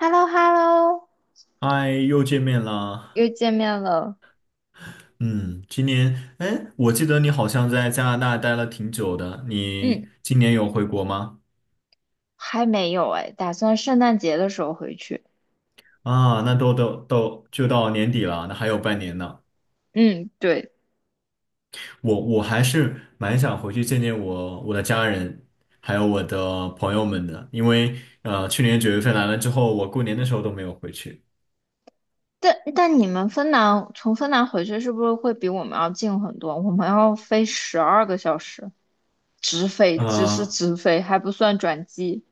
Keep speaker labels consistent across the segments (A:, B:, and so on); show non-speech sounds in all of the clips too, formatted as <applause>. A: h e l l o h e l l o
B: 嗨，又见面
A: 又
B: 了。
A: 见面了。
B: 嗯，今年，哎，我记得你好像在加拿大待了挺久的，
A: 嗯，
B: 你今年有回国吗？
A: 还没有哎，打算圣诞节的时候回去。
B: 啊，那都就到年底了，那还有半年呢。
A: 嗯，对。
B: 我还是蛮想回去见见我的家人，还有我的朋友们的，因为去年9月份来了之后，我过年的时候都没有回去。
A: 但你们芬兰从芬兰回去是不是会比我们要近很多？我们要飞十二个小时，直飞，只是
B: 啊，
A: 直飞，还不算转机，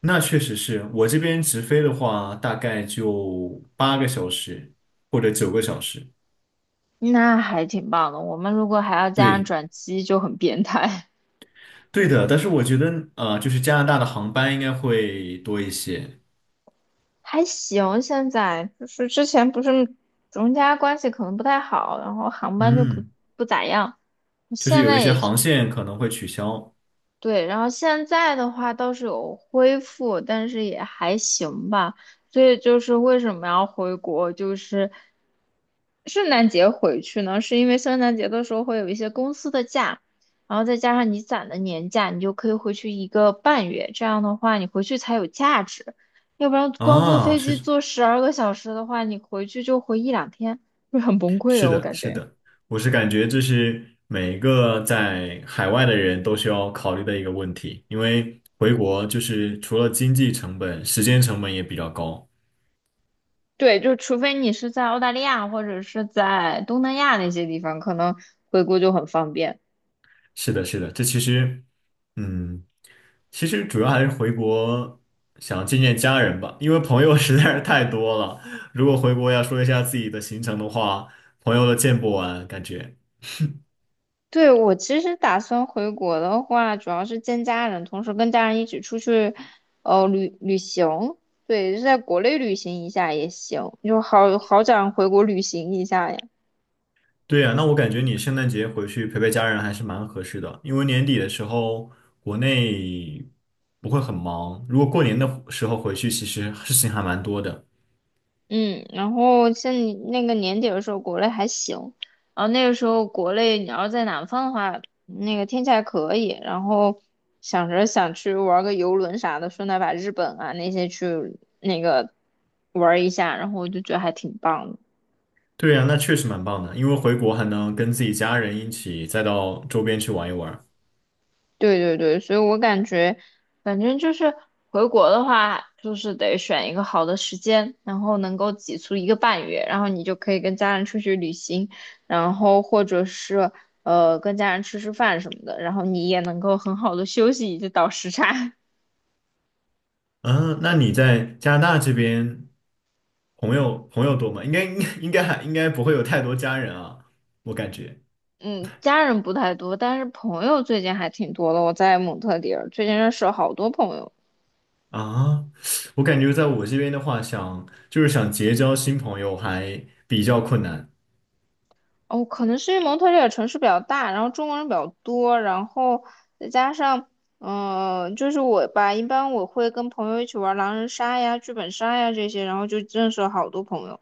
B: 那确实是我这边直飞的话，大概就8个小时或者9个小时。
A: 那还挺棒的。我们如果还要加上
B: 对，
A: 转机，就很变态。
B: 对的，但是我觉得，就是加拿大的航班应该会多一些，
A: <laughs> 还行，现在就是之前不是中加关系可能不太好，然后航班就不
B: 嗯，
A: 不咋样。
B: 就是
A: 现
B: 有
A: 在
B: 一些
A: 也
B: 航线可能会取消
A: 对，然后现在的话倒是有恢复，但是也还行吧。所以就是为什么要回国，就是圣诞节回去呢？是因为圣诞节的时候会有一些公司的假，然后再加上你攒的年假，你就可以回去一个半月。这样的话，你回去才有价值，要不然光坐
B: 啊，
A: 飞机
B: 是
A: 坐十二个小时的话，你回去就回一两天，会很崩溃
B: 是
A: 的，我
B: 的，
A: 感
B: 是
A: 觉。
B: 的，我是感觉这是每一个在海外的人都需要考虑的一个问题，因为回国就是除了经济成本，时间成本也比较高。
A: 对，就除非你是在澳大利亚或者是在东南亚那些地方，可能回国就很方便。
B: 是的，是的，这其实，嗯，其实主要还是回国想见见家人吧，因为朋友 <laughs> 实在是太多了。如果回国要说一下自己的行程的话，朋友都见不完，感觉。
A: 对，我其实打算回国的话，主要是见家人，同时跟家人一起出去，旅行。对，就在国内旅行一下也行，就好好想回国旅行一下呀。
B: 对呀，那我感觉你圣诞节回去陪陪家人还是蛮合适的，因为年底的时候国内不会很忙，如果过年的时候回去，其实事情还蛮多的。
A: 嗯，然后像你那个年底的时候，国内还行，然后那个时候国内你要在南方的话，那个天气还可以，然后想着想去玩个游轮啥的，顺带把日本啊那些去那个玩一下，然后我就觉得还挺棒的。
B: 对呀，那确实蛮棒的，因为回国还能跟自己家人一起再到周边去玩一玩。
A: 对对对，所以我感觉，反正就是回国的话，就是得选一个好的时间，然后能够挤出一个半月，然后你就可以跟家人出去旅行，然后或者是跟家人吃吃饭什么的，然后你也能够很好的休息以及倒时差。<laughs>
B: 嗯，那你在加拿大这边朋友多吗？应该应该应该还应该不会有太多家人啊，我感觉
A: 嗯，家人不太多，但是朋友最近还挺多的。我在蒙特利尔，最近认识了好多朋友。
B: 啊，我感觉在我这边的话就是想结交新朋友还比较困难
A: 哦，可能是因为蒙特利尔城市比较大，然后中国人比较多，然后再加上，就是我吧，一般我会跟朋友一起玩狼人杀呀、剧本杀呀这些，然后就认识了好多朋友。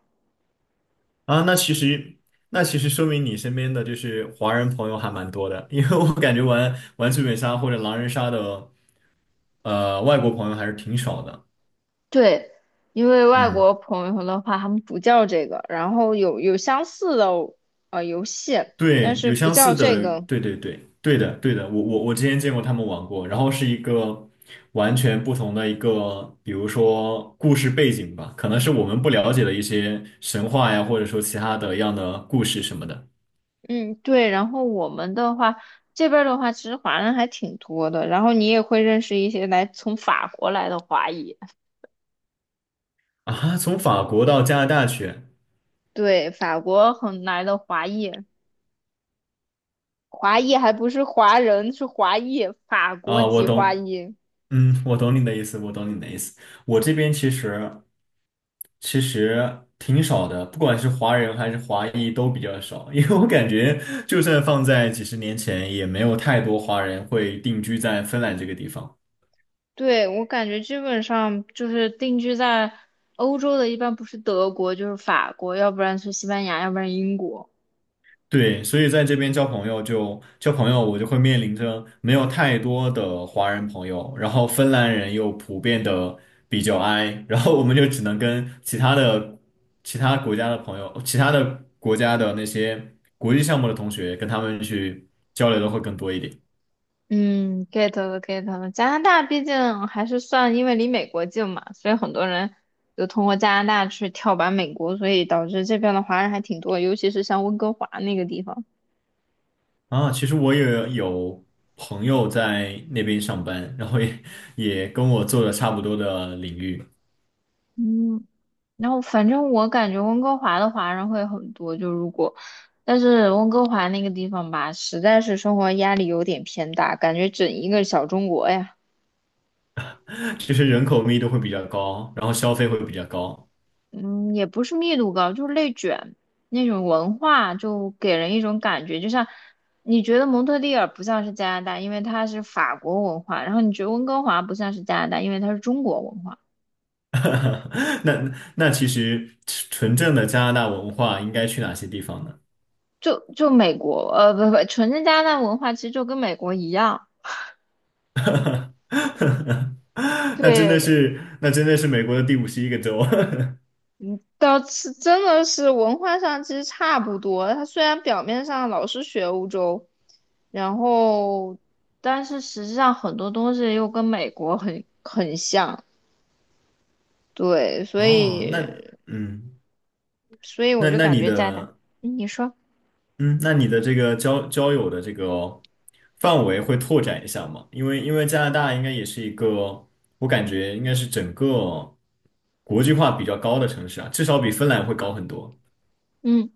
B: 啊。那其实说明你身边的就是华人朋友还蛮多的，因为我感觉玩玩剧本杀或者狼人杀的外国朋友还是挺少的。
A: 对，因为外
B: 嗯。
A: 国朋友的话，他们不叫这个，然后有相似的游戏，但
B: 对，
A: 是
B: 有
A: 不
B: 相
A: 叫
B: 似
A: 这
B: 的，
A: 个。
B: 对对对，对的对的，我之前见过他们玩过，然后是一个完全不同的一个，比如说故事背景吧，可能是我们不了解的一些神话呀，或者说其他的一样的故事什么的
A: 嗯，对。然后我们的话，这边儿的话，其实华人还挺多的，然后你也会认识一些来从法国来的华裔。
B: 啊。从法国到加拿大去
A: 对，法国很来的华裔，华裔还不是华人，是华裔，法国
B: 啊，我
A: 籍华
B: 懂，
A: 裔。
B: 我懂你的意思，我懂你的意思。我这边其实挺少的，不管是华人还是华裔都比较少，<laughs> 因为我感觉就算放在几十年前，也没有太多华人会定居在芬兰这个地方。
A: 对，我感觉基本上就是定居在欧洲的，一般不是德国就是法国，要不然是西班牙，要不然英国。
B: 对，所以在这边交朋友就交朋友，我就会面临着没有太多的华人朋友，然后芬兰人又普遍的比较 i，然后我们就只能跟其他国家的朋友、其他的国家的那些国际项目的同学，跟他们去交流的会更多一点。
A: 嗯，get 了，get 了。加拿大毕竟还是算，因为离美国近嘛，所以很多人就通过加拿大去跳板美国，所以导致这边的华人还挺多，尤其是像温哥华那个地方。
B: 啊，其实我也有朋友在那边上班，然后也跟我做的差不多的领域，
A: 嗯，然后反正我感觉温哥华的华人会很多，就如果，但是温哥华那个地方吧，实在是生活压力有点偏大，感觉整一个小中国呀，
B: 其实人口密度会比较高，然后消费会比较高。
A: 嗯，也不是密度高，就是内卷那种文化，就给人一种感觉，就像你觉得蒙特利尔不像是加拿大，因为它是法国文化，然后你觉得温哥华不像是加拿大，因为它是中国文化，
B: <laughs> 那其实纯正的加拿大文化应该去哪些地方呢？
A: 就就美国，呃，不不，纯正加拿大文化其实就跟美国一样。
B: <laughs> 那真的
A: 对，
B: 是那真的是美国的第51个州。
A: 倒是真的是文化上其实差不多。他虽然表面上老是学欧洲，然后但是实际上很多东西又跟美国很像。对，
B: <laughs>
A: 所
B: 哦，那
A: 以
B: 嗯，
A: 所以我
B: 那
A: 就
B: 那
A: 感
B: 你
A: 觉在的，
B: 的
A: 你说，
B: 嗯，那你的这个交友的这个范围会拓展一下吗？因为加拿大应该也是一个，我感觉应该是整个国际化比较高的城市啊，至少比芬兰会高很多。
A: 嗯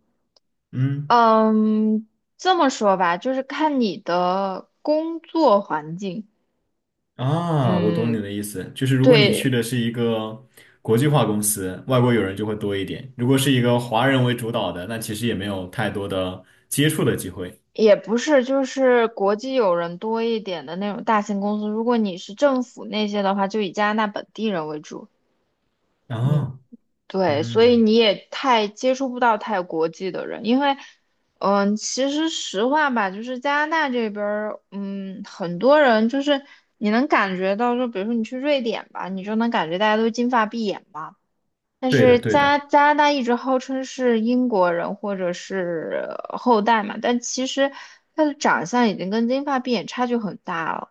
B: 嗯，
A: 嗯，这么说吧，就是看你的工作环境。
B: 啊，我懂你
A: 嗯，
B: 的意思，就是如果你去
A: 对，
B: 的是一个国际化公司，外国友人就会多一点；如果是一个华人为主导的，那其实也没有太多的接触的机会。
A: 也不是，就是国际友人多一点的那种大型公司。如果你是政府那些的话，就以加拿大本地人为主。嗯，
B: 啊，
A: 对，所以
B: 嗯，
A: 你也太接触不到太国际的人，因为，嗯，其实实话吧，就是加拿大这边儿，嗯，很多人就是你能感觉到，就比如说你去瑞典吧，你就能感觉大家都金发碧眼嘛。但
B: 对的，
A: 是
B: 对
A: 加
B: 的。
A: 加拿大一直号称是英国人或者是后代嘛，但其实他的长相已经跟金发碧眼差距很大了。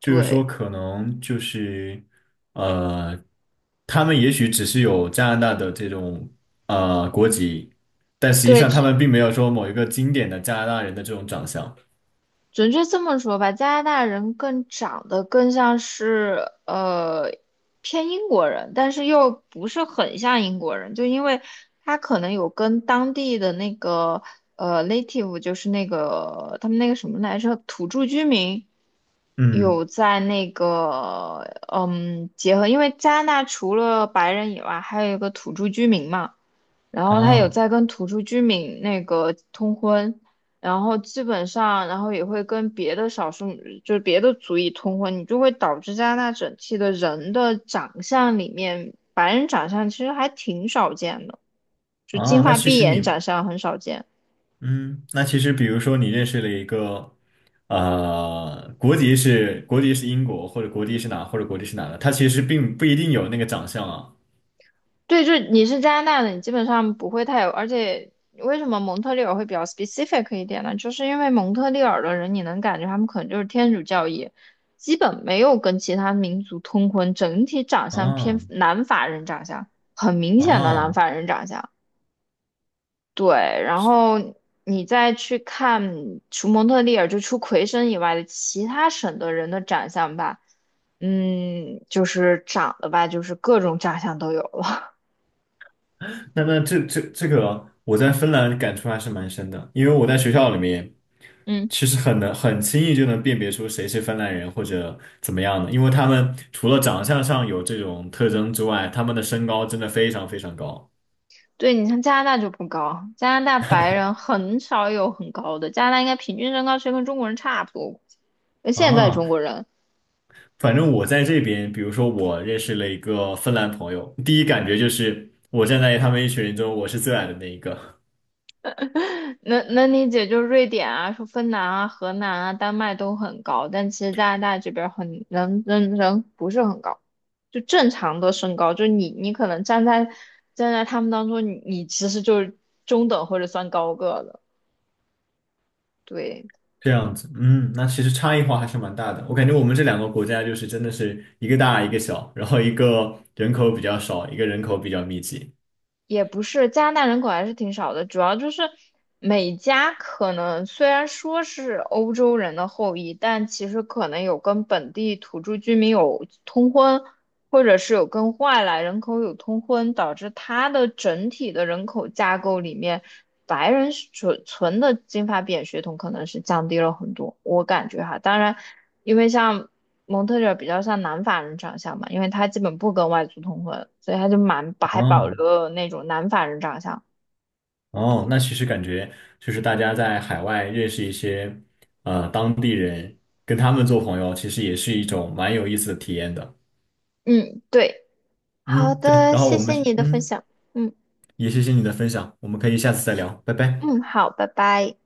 B: 就是
A: 对，
B: 说，可能就是，呃，他们也许只是有加拿大的这种国籍，但实际
A: 对，
B: 上他们并没有说某一个经典的加拿大人的这种长相。
A: 准确这么说吧，加拿大人更长得更像是呃偏英国人，但是又不是很像英国人，就因为他可能有跟当地的那个native，就是那个他们那个什么来着，土著居民
B: 嗯，
A: 有在那个结合，因为加拿大除了白人以外，还有一个土著居民嘛。然后他有
B: 啊
A: 在跟土著居民那个通婚，然后基本上，然后也会跟别的少数，就是别的族裔通婚，你就会导致加拿大整体的人的长相里面，白人长相其实还挺少见的，就金
B: 啊，那
A: 发
B: 其
A: 碧
B: 实
A: 眼长
B: 你，
A: 相很少见。
B: 嗯，那其实比如说你认识了一个，国籍是英国，或者国籍是哪的，他其实并不一定有那个长相啊。
A: 对，就是你是加拿大的，你基本上不会太有，而且为什么蒙特利尔会比较 specific 一点呢？就是因为蒙特利尔的人，你能感觉他们可能就是天主教义，基本没有跟其他民族通婚，整体长相偏
B: 啊
A: 南法人长相，很明显的南
B: 啊，
A: 法人长相。对，然
B: 是。
A: 后你再去看除蒙特利尔就除魁省以外的其他省的人的长相吧，嗯，就是长得吧，就是各种长相都有了，
B: 那那这这这个，我在芬兰感触还是蛮深的，因为我在学校里面，
A: <laughs> 嗯。
B: 其实很轻易就能辨别出谁是芬兰人或者怎么样的，因为他们除了长相上有这种特征之外，他们的身高真的非常非常高
A: 对，你像加拿大就不高，加拿大白人很少有很高的，加拿大应该平均身高其实跟中国人差不多。那现在
B: 啊。
A: 中国人
B: 反正我在这边，比如说我认识了一个芬兰朋友，第一感觉就是我站在他们一群人中，我是最矮的那一个。
A: 能能理解，就是瑞典啊、说芬兰啊、荷兰啊、丹麦都很高，但其实加拿大这边很人不是很高，就正常的身高，就你可能站在他们当中，你其实就是中等或者算高个的，对。
B: 这样子，那其实差异化还是蛮大的。我感觉我们这两个国家就是真的是一个大一个小，然后一个人口比较少，一个人口比较密集。
A: 也不是，加拿大人口还是挺少的，主要就是每家可能虽然说是欧洲人的后裔，但其实可能有跟本地土著居民有通婚，或者是有跟外来人口有通婚，导致它的整体的人口架构里面。白人纯纯的金发碧眼血统可能是降低了很多，我感觉哈。当然，因为像蒙特利尔比较像南法人长相嘛，因为他基本不跟外族通婚，所以他就蛮还保
B: 哦
A: 留了那种南法人长相。
B: 哦，
A: 对，
B: 那其实感觉就是大家在海外认识一些当地人，跟他们做朋友，其实也是一种蛮有意思的体验的。
A: 嗯，对，好
B: 嗯，对。
A: 的，
B: 然后
A: 谢
B: 我
A: 谢
B: 们是
A: 你的分
B: 嗯，
A: 享。嗯
B: 也谢谢你的分享，我们可以下次再聊，拜拜。
A: 嗯，好，拜拜。